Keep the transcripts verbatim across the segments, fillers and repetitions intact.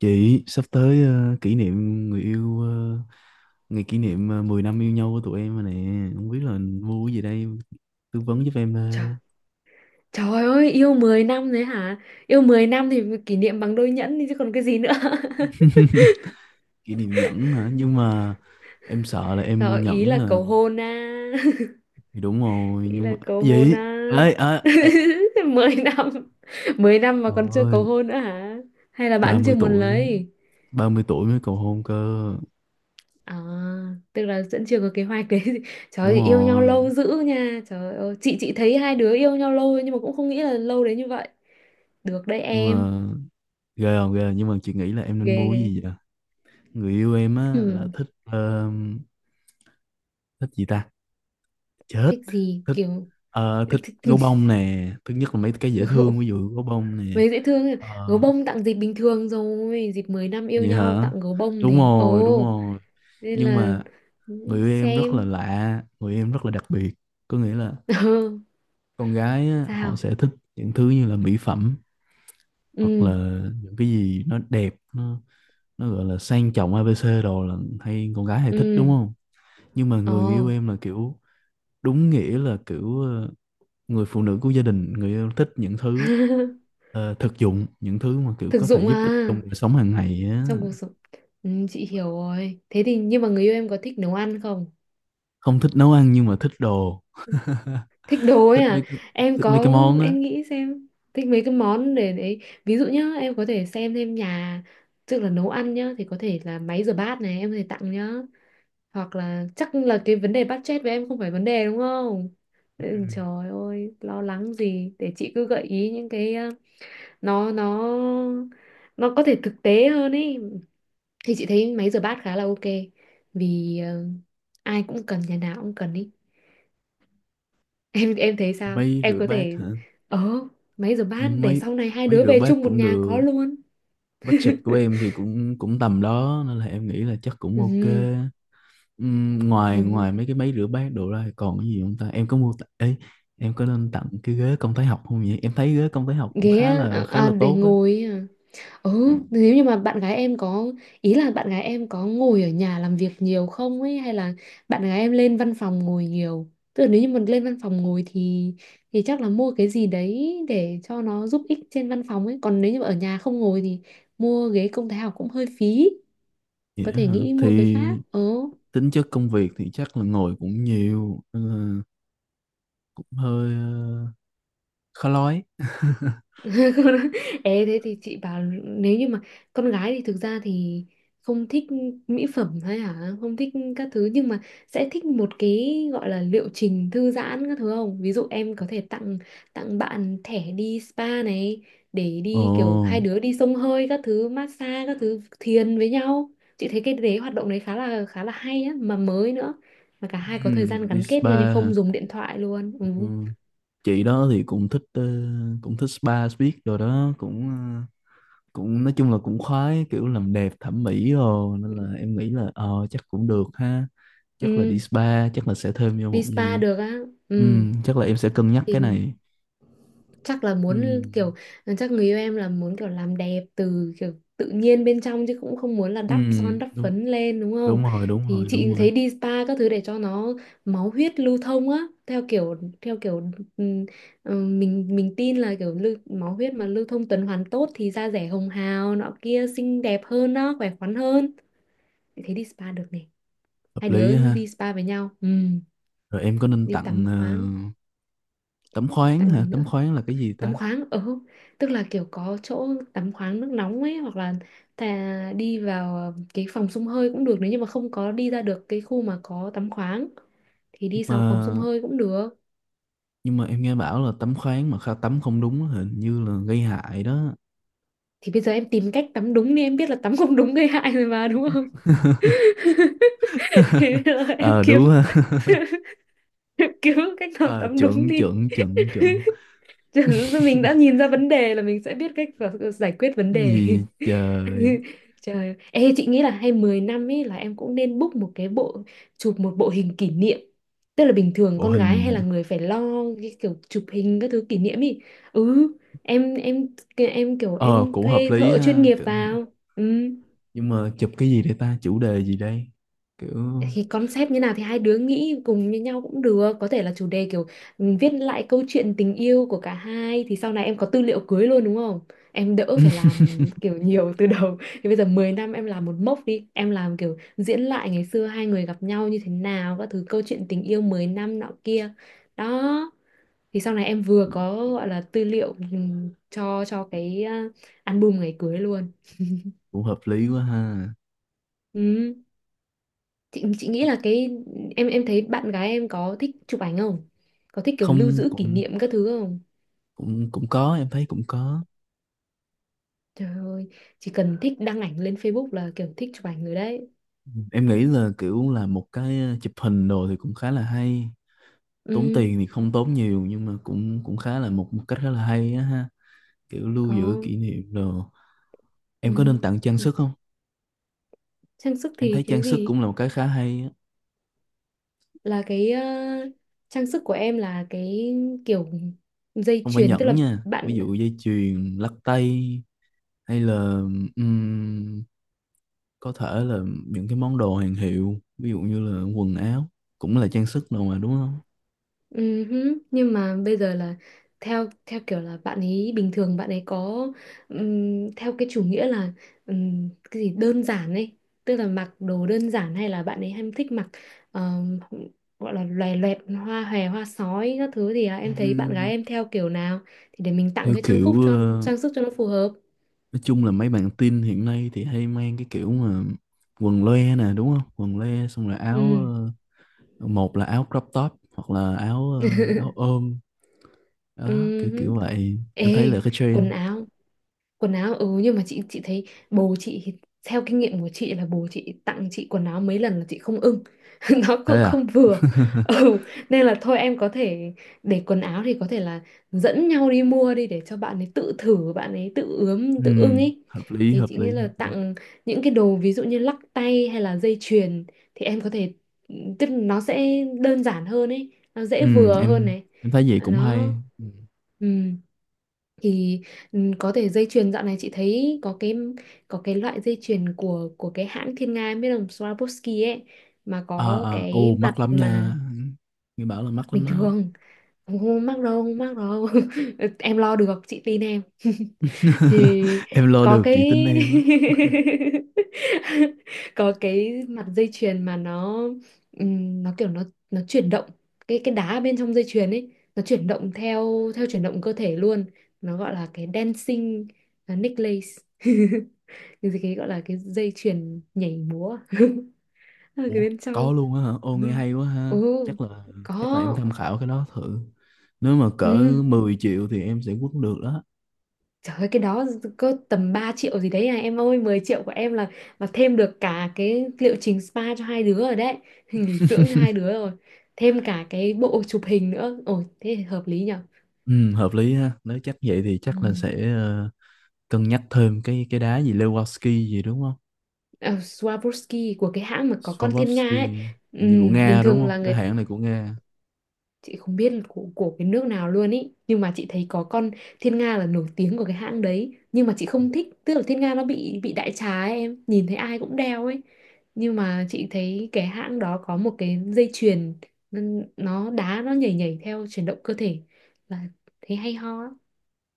Chị sắp tới ờ, kỷ niệm người yêu, ờ, ngày kỷ niệm ờ, mười năm yêu nhau của tụi em rồi nè, không biết là mua cái gì đây, tư vấn giúp em ờ. Trời, trời ơi, yêu mười năm đấy hả? Yêu mười năm thì kỷ niệm bằng đôi nhẫn đi chứ còn cái gì nữa. Kỷ niệm nhẫn hả? Nhưng mà em sợ là em mua Rồi, ý nhẫn là là, cầu hôn á. thì đúng rồi Ý nhưng mà là cầu hôn gì á. ấy à, Mười năm. Mười năm mà còn chưa cầu ôi, hôn nữa hả? Hay là bạn chưa ba mươi muốn tuổi, lấy? ba mươi tuổi mới cầu hôn cơ. À, tức là vẫn chưa có kế hoạch đấy. Trời Đúng ơi, yêu nhau rồi lâu dữ nha. Trời ơi, chị chị thấy hai đứa yêu nhau lâu nhưng mà cũng không nghĩ là lâu đến như vậy. Được đấy nhưng em. mà ghê không ghê à? Nhưng mà chị nghĩ là em nên Ghê mua cái ghê. gì vậy? Người yêu em á là Ừ, thích, ờ, thích gì ta, chết, thích gì thích, kiểu. ờ, thích Thích... gấu bông nè, thứ nhất là mấy cái dễ thương, ví dụ gấu bông nè. Mấy dễ thương, Ờ, gấu bông tặng dịp bình thường rồi dịp mới năm yêu Vậy nhau hả? tặng gấu bông Đúng thì rồi, đúng ồ rồi. nên Nhưng là mà ừ, người yêu em rất là xem. lạ, người yêu em rất là đặc biệt. Có nghĩa là Ờ, con gái á, họ sao sẽ thích những thứ như là mỹ phẩm, hoặc là ừ những cái gì nó đẹp, nó nó gọi là sang trọng, A ABC đồ, là hay con gái hay thích đúng ừ không? Nhưng mà ồ. người yêu em là kiểu đúng nghĩa là kiểu, ờ, người phụ nữ của gia đình, người yêu thích những thứ, ờ, thực dụng, những thứ mà kiểu Thực có thể dụng giúp ích trong à, đời sống hàng ngày trong á. cuộc sống. Ừ, chị hiểu rồi thế thì nhưng mà người yêu em có thích nấu ăn không? Không thích nấu ăn nhưng mà thích đồ, Thích đồ ấy thích mấy à, cái, em thích mấy cái có, món á. em nghĩ xem, thích mấy cái món để đấy. Ví dụ nhá, em có thể xem thêm nhà, tức là nấu ăn nhá thì có thể là máy rửa bát này em có thể tặng nhá, hoặc là chắc là cái vấn đề budget với em không phải vấn đề đúng không? Ừ, Ừ. trời ơi lo lắng gì để chị cứ gợi ý những cái ờ, nó nó nó có thể thực tế hơn ý, thì chị thấy máy rửa bát khá là ok, vì ờ, ai cũng cần nhà nào cũng cần ý. em em thấy sao, Máy em rửa có bát thể, hả? ờ máy rửa bát để máy sau này hai máy đứa rửa về bát chung một cũng nhà có được. luôn. Budget của em thì cũng cũng tầm đó, nên là em nghĩ là chắc cũng ok. Ừ, Ừm, ngoài ừ. ngoài mấy cái máy rửa bát đồ ra thì còn cái gì không ta? Em có mua t- ấy, em có nên tặng cái ghế công thái học không vậy? Em thấy ghế công thái học cũng Ghế khá á, à, là khá à, là để tốt á. ngồi ý à. Ừ, nếu như mà bạn gái em có, ý là bạn gái em có ngồi ở nhà làm việc nhiều không ấy hay là bạn gái em lên văn phòng ngồi nhiều. Tức là nếu như mình lên văn phòng ngồi thì thì chắc là mua cái gì đấy để cho nó giúp ích trên văn phòng ấy, còn nếu như mà ở nhà không ngồi thì mua ghế công thái học cũng hơi phí, Vậy có á thể hả? nghĩ mua cái Thì khác. Ừ. tính chất công việc thì chắc là ngồi cũng nhiều, nên cũng hơi, ờ, khó nói. Ê, thế thì chị bảo nếu như mà con gái thì thực ra thì không thích mỹ phẩm hay hả không thích các thứ nhưng mà sẽ thích một cái gọi là liệu trình thư giãn các thứ không, ví dụ em có thể tặng, tặng bạn thẻ đi spa này, để đi kiểu hai Ồ. đứa đi xông hơi các thứ massage các thứ thiền với nhau, chị thấy cái đấy hoạt động đấy khá là khá là hay á mà mới nữa, mà cả hai có thời gian ừm, Đi gắn kết nhau nhưng spa hả? không dùng điện thoại luôn. Ừ, Ừ, chị đó thì cũng thích, ờ, cũng thích spa biết rồi đó, cũng, ờ, cũng nói chung là cũng khoái kiểu làm đẹp thẩm mỹ rồi, nên là em nghĩ là ờ chắc cũng được ha. Chắc là đi ừ. spa, chắc là sẽ thêm vô Đi một spa giờ. được á. Ừ Ừm, chắc là em sẽ cân nhắc cái thì này. chắc là muốn Ừm. kiểu ờ, chắc người yêu em là muốn kiểu làm đẹp từ kiểu tự nhiên bên trong chứ cũng không muốn là đắp ừm, son đắp đúng phấn lên đúng không? đúng rồi, đúng Thì rồi, chị đúng rồi. thấy đi spa các thứ để cho nó máu huyết lưu thông á, theo kiểu theo kiểu ừm, ừm, mình mình tin là kiểu lưu, máu huyết mà lưu thông tuần hoàn tốt thì da dẻ hồng hào nọ kia xinh đẹp hơn đó, khỏe khoắn hơn. Chị thấy đi spa được này, Hợp hai lý đứa á ha. đi spa với nhau. Ừm, rồi, em có nên đi tặng, tắm ờ, khoáng, tắm khoáng tặng hả? gì Tắm nữa, khoáng là cái gì tắm ta? khoáng ừ, tức là kiểu có chỗ tắm khoáng nước nóng ấy hoặc là ta đi vào cái phòng xông hơi cũng được, nếu như mà không có đi ra được cái khu mà có tắm khoáng thì nhưng đi mà vào phòng xông hơi cũng được. nhưng mà em nghe bảo là tắm khoáng mà kha tắm không đúng á, hình như là gây hại đó. Thì bây giờ em tìm cách tắm đúng đi, em biết là tắm không đúng gây hại rồi mà đúng không? Thế bây giờ em ờ kiếm Đúng ha. em kiếm cách nào ờ tắm đúng Chuẩn, đi. chuẩn, chuẩn, chuẩn. Mình đã nhìn ra vấn đề là mình sẽ biết cách và giải quyết vấn Cái đề. gì trời. Trời ơi. Ê chị nghĩ là hay mười năm ấy là em cũng nên book một cái bộ, chụp một bộ hình kỷ niệm, tức là bình thường Bộ con gái hay hình. là người phải lo cái kiểu chụp hình các thứ kỷ niệm ý. Ừ, em em em kiểu ờ em Cũng hợp thuê lý thợ chuyên ha. nghiệp Kiểu- vào. Ừ Nhưng mà chụp cái gì đây ta, chủ đề gì đây, kiểu... thì concept như nào thì hai đứa nghĩ cùng với nhau cũng được, có thể là chủ đề kiểu, ừ, viết lại câu chuyện tình yêu của cả hai thì sau này em có tư liệu cưới luôn đúng không? Em đỡ phải làm kiểu nhiều từ đầu. Thì bây giờ mười năm em làm một mốc đi, em làm kiểu diễn lại ngày xưa hai người gặp nhau như thế nào các thứ câu chuyện tình yêu mười năm nọ kia. Đó, thì sau này em vừa có gọi là tư liệu ừ, cho cho cái ờ, album ngày cưới luôn. cũng hợp lý quá ha. Ừ, chị chị nghĩ là cái em em thấy bạn gái em có thích chụp ảnh không, có thích kiểu lưu Không, giữ kỷ cũng, niệm các thứ không? cũng cũng có, em thấy cũng có. Trời ơi, chỉ cần thích đăng ảnh lên Facebook là kiểu thích chụp ảnh rồi đấy. Em nghĩ là kiểu là một cái, ờ, chụp hình đồ thì cũng khá là hay. Tốn Ừ tiền thì không tốn nhiều, nhưng mà cũng cũng khá là một, một cách khá là hay á ha, kiểu lưu ờ giữ kỷ niệm đồ. Em có nên ừ. tặng trang sức không? Trang sức Em thấy thì cái trang sức gì, cũng là một cái khá hay á. là cái ờ, trang sức của em là cái kiểu dây Không phải chuyền tức nhẫn là nha, ví bạn. dụ dây chuyền, lắc tay, hay là, ừm, có thể là những cái món đồ hàng hiệu, ví dụ như là quần áo cũng là trang sức đồ mà đúng không? Ừ hứ, nhưng mà bây giờ là theo theo kiểu là bạn ấy bình thường bạn ấy có ừm, theo cái chủ nghĩa là ừm, cái gì đơn giản ấy, tức là mặc đồ đơn giản hay là bạn ấy hay thích mặc ờm, gọi là loè loẹt hoa hòe hoa sói các thứ thì à, em thấy bạn gái Ừm, em theo kiểu nào thì để mình tặng theo cái trang phục kiểu, cho, ờ, trang sức cho nó phù hợp. nói chung là mấy bạn teen hiện nay thì hay mang cái kiểu mà quần loe nè đúng không? Quần loe xong rồi áo, Ừ ờ, một là áo crop top hoặc là áo, ờ, áo ôm. ừ Đó kiểu hứ. kiểu vậy, em thấy Ê là cái trend. quần áo, quần áo ừ nhưng mà chị chị thấy bố chị thì- theo kinh nghiệm của chị là bố chị tặng chị quần áo mấy lần là chị không ưng. Nó Thế cũng à? không vừa. Ừ nên là thôi em có thể, để quần áo thì có thể là dẫn nhau đi mua đi để cho bạn ấy tự thử, bạn ấy tự ướm Ừ, tự ưng ấy. hợp lý, Thì hợp chị nghĩ lý, là hợp lý. tặng những cái đồ ví dụ như lắc tay hay là dây chuyền thì em có thể, ừ, tức là nó sẽ đơn giản hơn ấy, nó Ừ, dễ vừa hơn em này, em thấy vậy cũng hay. nó Ừ. ừ. Thì ừ, có thể dây chuyền dạo này chị thấy có cái, có cái loại dây chuyền của của cái hãng Thiên Nga em biết không, Swarovski ấy, mà À, có à, ồ cái mặt mắc lắm nha, mà nghe bảo là mắc lắm bình đó. thường không, không mắc đâu, không mắc đâu. Em lo được chị tin em. Thì Em lo có được chị cái tin em á. có cái mặt dây chuyền mà nó ừm, nó kiểu nó nó chuyển động, cái cái đá bên trong dây chuyền ấy nó chuyển động theo theo chuyển động cơ thể luôn, nó gọi là cái dancing uh, necklace. Cái gì- cái gọi là cái dây chuyền nhảy múa ở cái Ủa, bên trong. có luôn á hả? Ô nghe Ừ. hay quá ha. Ừ chắc là có chắc là em tham khảo cái đó thử, nếu mà cỡ ừ. mười triệu thì em sẽ quất được đó. Trời ơi cái đó có tầm ba triệu gì đấy à em ơi, mười triệu của em là là thêm được cả cái liệu trình spa cho hai đứa rồi đấy. Nghỉ dưỡng cho hai đứa rồi, thêm cả cái bộ chụp hình nữa ồ thế thì hợp lý nhở. Ừ, hợp lý ha. Nếu chắc vậy thì chắc là Ừ. sẽ, ờ, cân nhắc thêm cái cái đá gì Lewandowski gì đúng không? À, Swarovski của cái hãng mà có con thiên nga ấy. Swarovski, Ừ, như của bình Nga đúng thường là không, cái người, hãng này của Nga. chị không biết là của, của cái nước nào luôn ý, nhưng mà chị thấy có con Thiên Nga là nổi tiếng của cái hãng đấy nhưng mà chị không thích, tức là Thiên Nga nó bị bị đại trà ấy, em nhìn thấy ai cũng đeo ấy. Nhưng mà chị thấy cái hãng đó có một cái dây chuyền nó nó đá nó nhảy nhảy theo chuyển động cơ thể, là thấy hay ho á.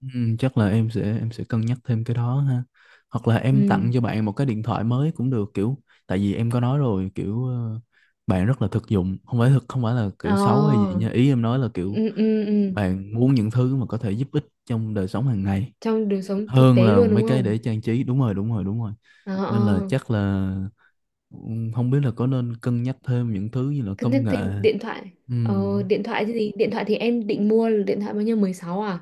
Ừ, chắc là em sẽ em sẽ cân nhắc thêm cái đó ha. Hoặc là em tặng Ừ cho bạn một cái điện thoại mới cũng được, kiểu tại vì em có nói rồi kiểu, ờ, bạn rất là thực dụng, không phải thực, không phải là ờ kiểu xấu hay gì nha, ý em nói là kiểu ừ, ừ, ừ. bạn muốn những thứ mà có thể giúp ích trong đời sống hàng ngày Trong đời sống thực hơn tế là luôn mấy đúng cái không. để trang trí. Đúng rồi, đúng rồi, đúng rồi, Ờ ờ. nên là chắc là, ừ, không biết là có nên cân nhắc thêm những thứ như là Cân nhắc công thêm nghệ. điện thoại. Ừm. Ờ điện thoại thì gì, điện thoại thì em định mua là điện thoại bao nhiêu, mười sáu à?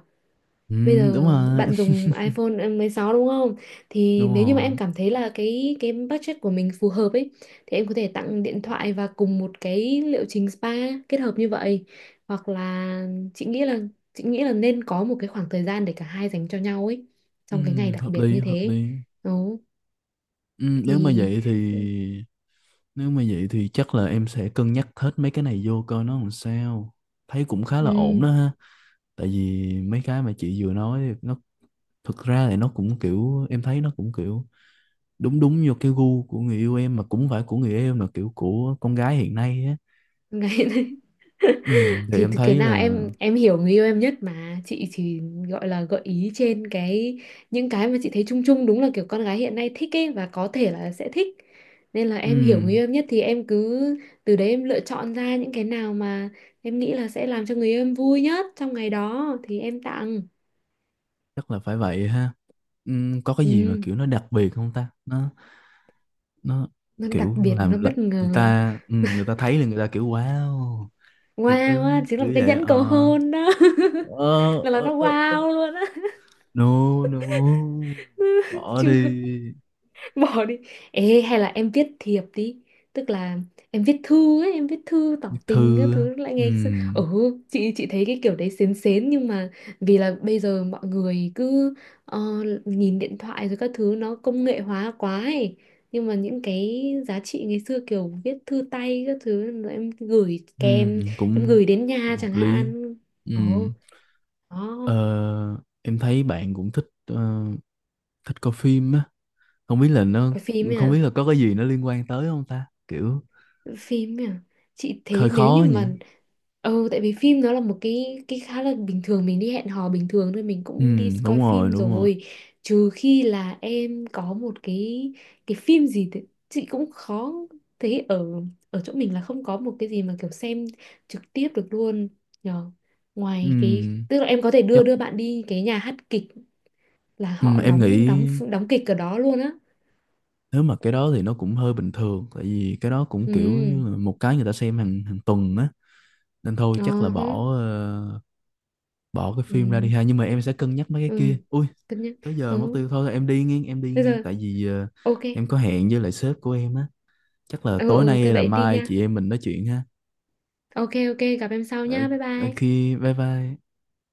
Bây ừm, Đúng giờ rồi, bạn dùng iPhone mười sáu đúng không? Thì đúng nếu như mà rồi. em cảm thấy là cái cái budget của mình phù hợp ấy thì em có thể tặng điện thoại và cùng một cái liệu trình spa, kết hợp như vậy. Hoặc là chị nghĩ là chị nghĩ là nên có một cái khoảng thời gian để cả hai dành cho nhau ấy, trong cái ngày Ừm, đặc hợp biệt lý, như hợp thế. lý. Đó Ừm, nếu mà thì vậy thì nếu mà vậy thì chắc là em sẽ cân nhắc hết mấy cái này vô coi nó làm sao. Thấy cũng khá là ổn ừm, đó ha. Tại vì mấy cái mà chị vừa nói thì nó, thực ra thì nó cũng kiểu em thấy nó cũng kiểu đúng đúng vô cái gu của người yêu em, mà cũng không phải của người yêu em, là kiểu của con gái hiện nay á. ngày. Ừm, thì Thì em cái thấy nào là, em em hiểu người yêu em nhất mà chị chỉ gọi là gợi ý trên cái những cái mà chị thấy chung chung đúng là kiểu con gái hiện nay thích ấy và có thể là sẽ thích, nên là em hiểu người ừm, yêu em nhất thì em cứ từ đấy em lựa chọn ra những cái nào mà em nghĩ là sẽ làm cho người yêu em vui nhất trong ngày đó thì em tặng. chắc là phải vậy ha. Ừm, có cái gì mà Ừ kiểu nó đặc biệt không ta? Nó nó nó đặc kiểu biệt nó làm là bất người ngờ, ta, ừ, người ta thấy là người ta kiểu wow, thiệt wow ư, á chính là một kiểu cái vậy nhẫn cầu ờ hôn đó. ờ là là ờ nó ờ. wow luôn á. No no, bỏ đi. Chưa. Bỏ đi. Ê hay là em viết thiệp đi, tức là em viết thư ấy, em viết thư tỏ tình các Thư, thứ lại ừ, ngày xưa. Ừ chị chị thấy cái kiểu đấy xến xến nhưng mà vì là bây giờ mọi người cứ ờ, nhìn điện thoại rồi các thứ nó công nghệ hóa quá ấy, nhưng mà những cái giá trị ngày xưa kiểu viết thư tay các thứ rồi em gửi ừ, kèm, em cũng gửi đến cũng nhà hợp chẳng lý. hạn. Ừ. Ồ đó. ờ, em thấy bạn cũng thích, ờ, thích coi phim á. không biết là nó Coi phim Không ấy, biết là có cái gì nó liên quan tới không ta, kiểu phim nhỉ, chị hơi thấy nếu khó như nhỉ. mà ừ tại vì phim nó là một cái cái khá là bình thường, mình đi hẹn hò bình thường thôi mình Ừ, cũng đi coi đúng rồi, phim đúng rồi. rồi, trừ khi là em có một cái cái phim gì thì chị cũng khó thấy ở ở chỗ mình là không có một cái gì mà kiểu xem trực tiếp được luôn, nhờ ngoài cái Ừ, tức là em có thể đưa chắc. đưa bạn đi cái nhà hát kịch là Ừ, họ em đóng đóng nghĩ đóng kịch ở đó luôn á. nếu mà cái đó thì nó cũng hơi bình thường, tại vì cái đó cũng kiểu Ừ như là một cái người ta xem hàng hàng tuần á, nên thôi ờ chắc là uh bỏ, ờ, bỏ cái phim ra đi ừ ha, nhưng mà em sẽ cân nhắc mấy cái ừ kia ui. cân nhắc Tới giờ mất ừ. tiêu, thôi em đi nghe, em đi Thế nghe, giờ tại vì, ờ, ok. em có hẹn với lại sếp của em á. Chắc là Ừ, tối ừ, nay thế hay là vậy đi mai nha. chị em mình nói chuyện ha. Ok, ok, gặp em sau Ở, nha. Bye ở bye. khi bye bye.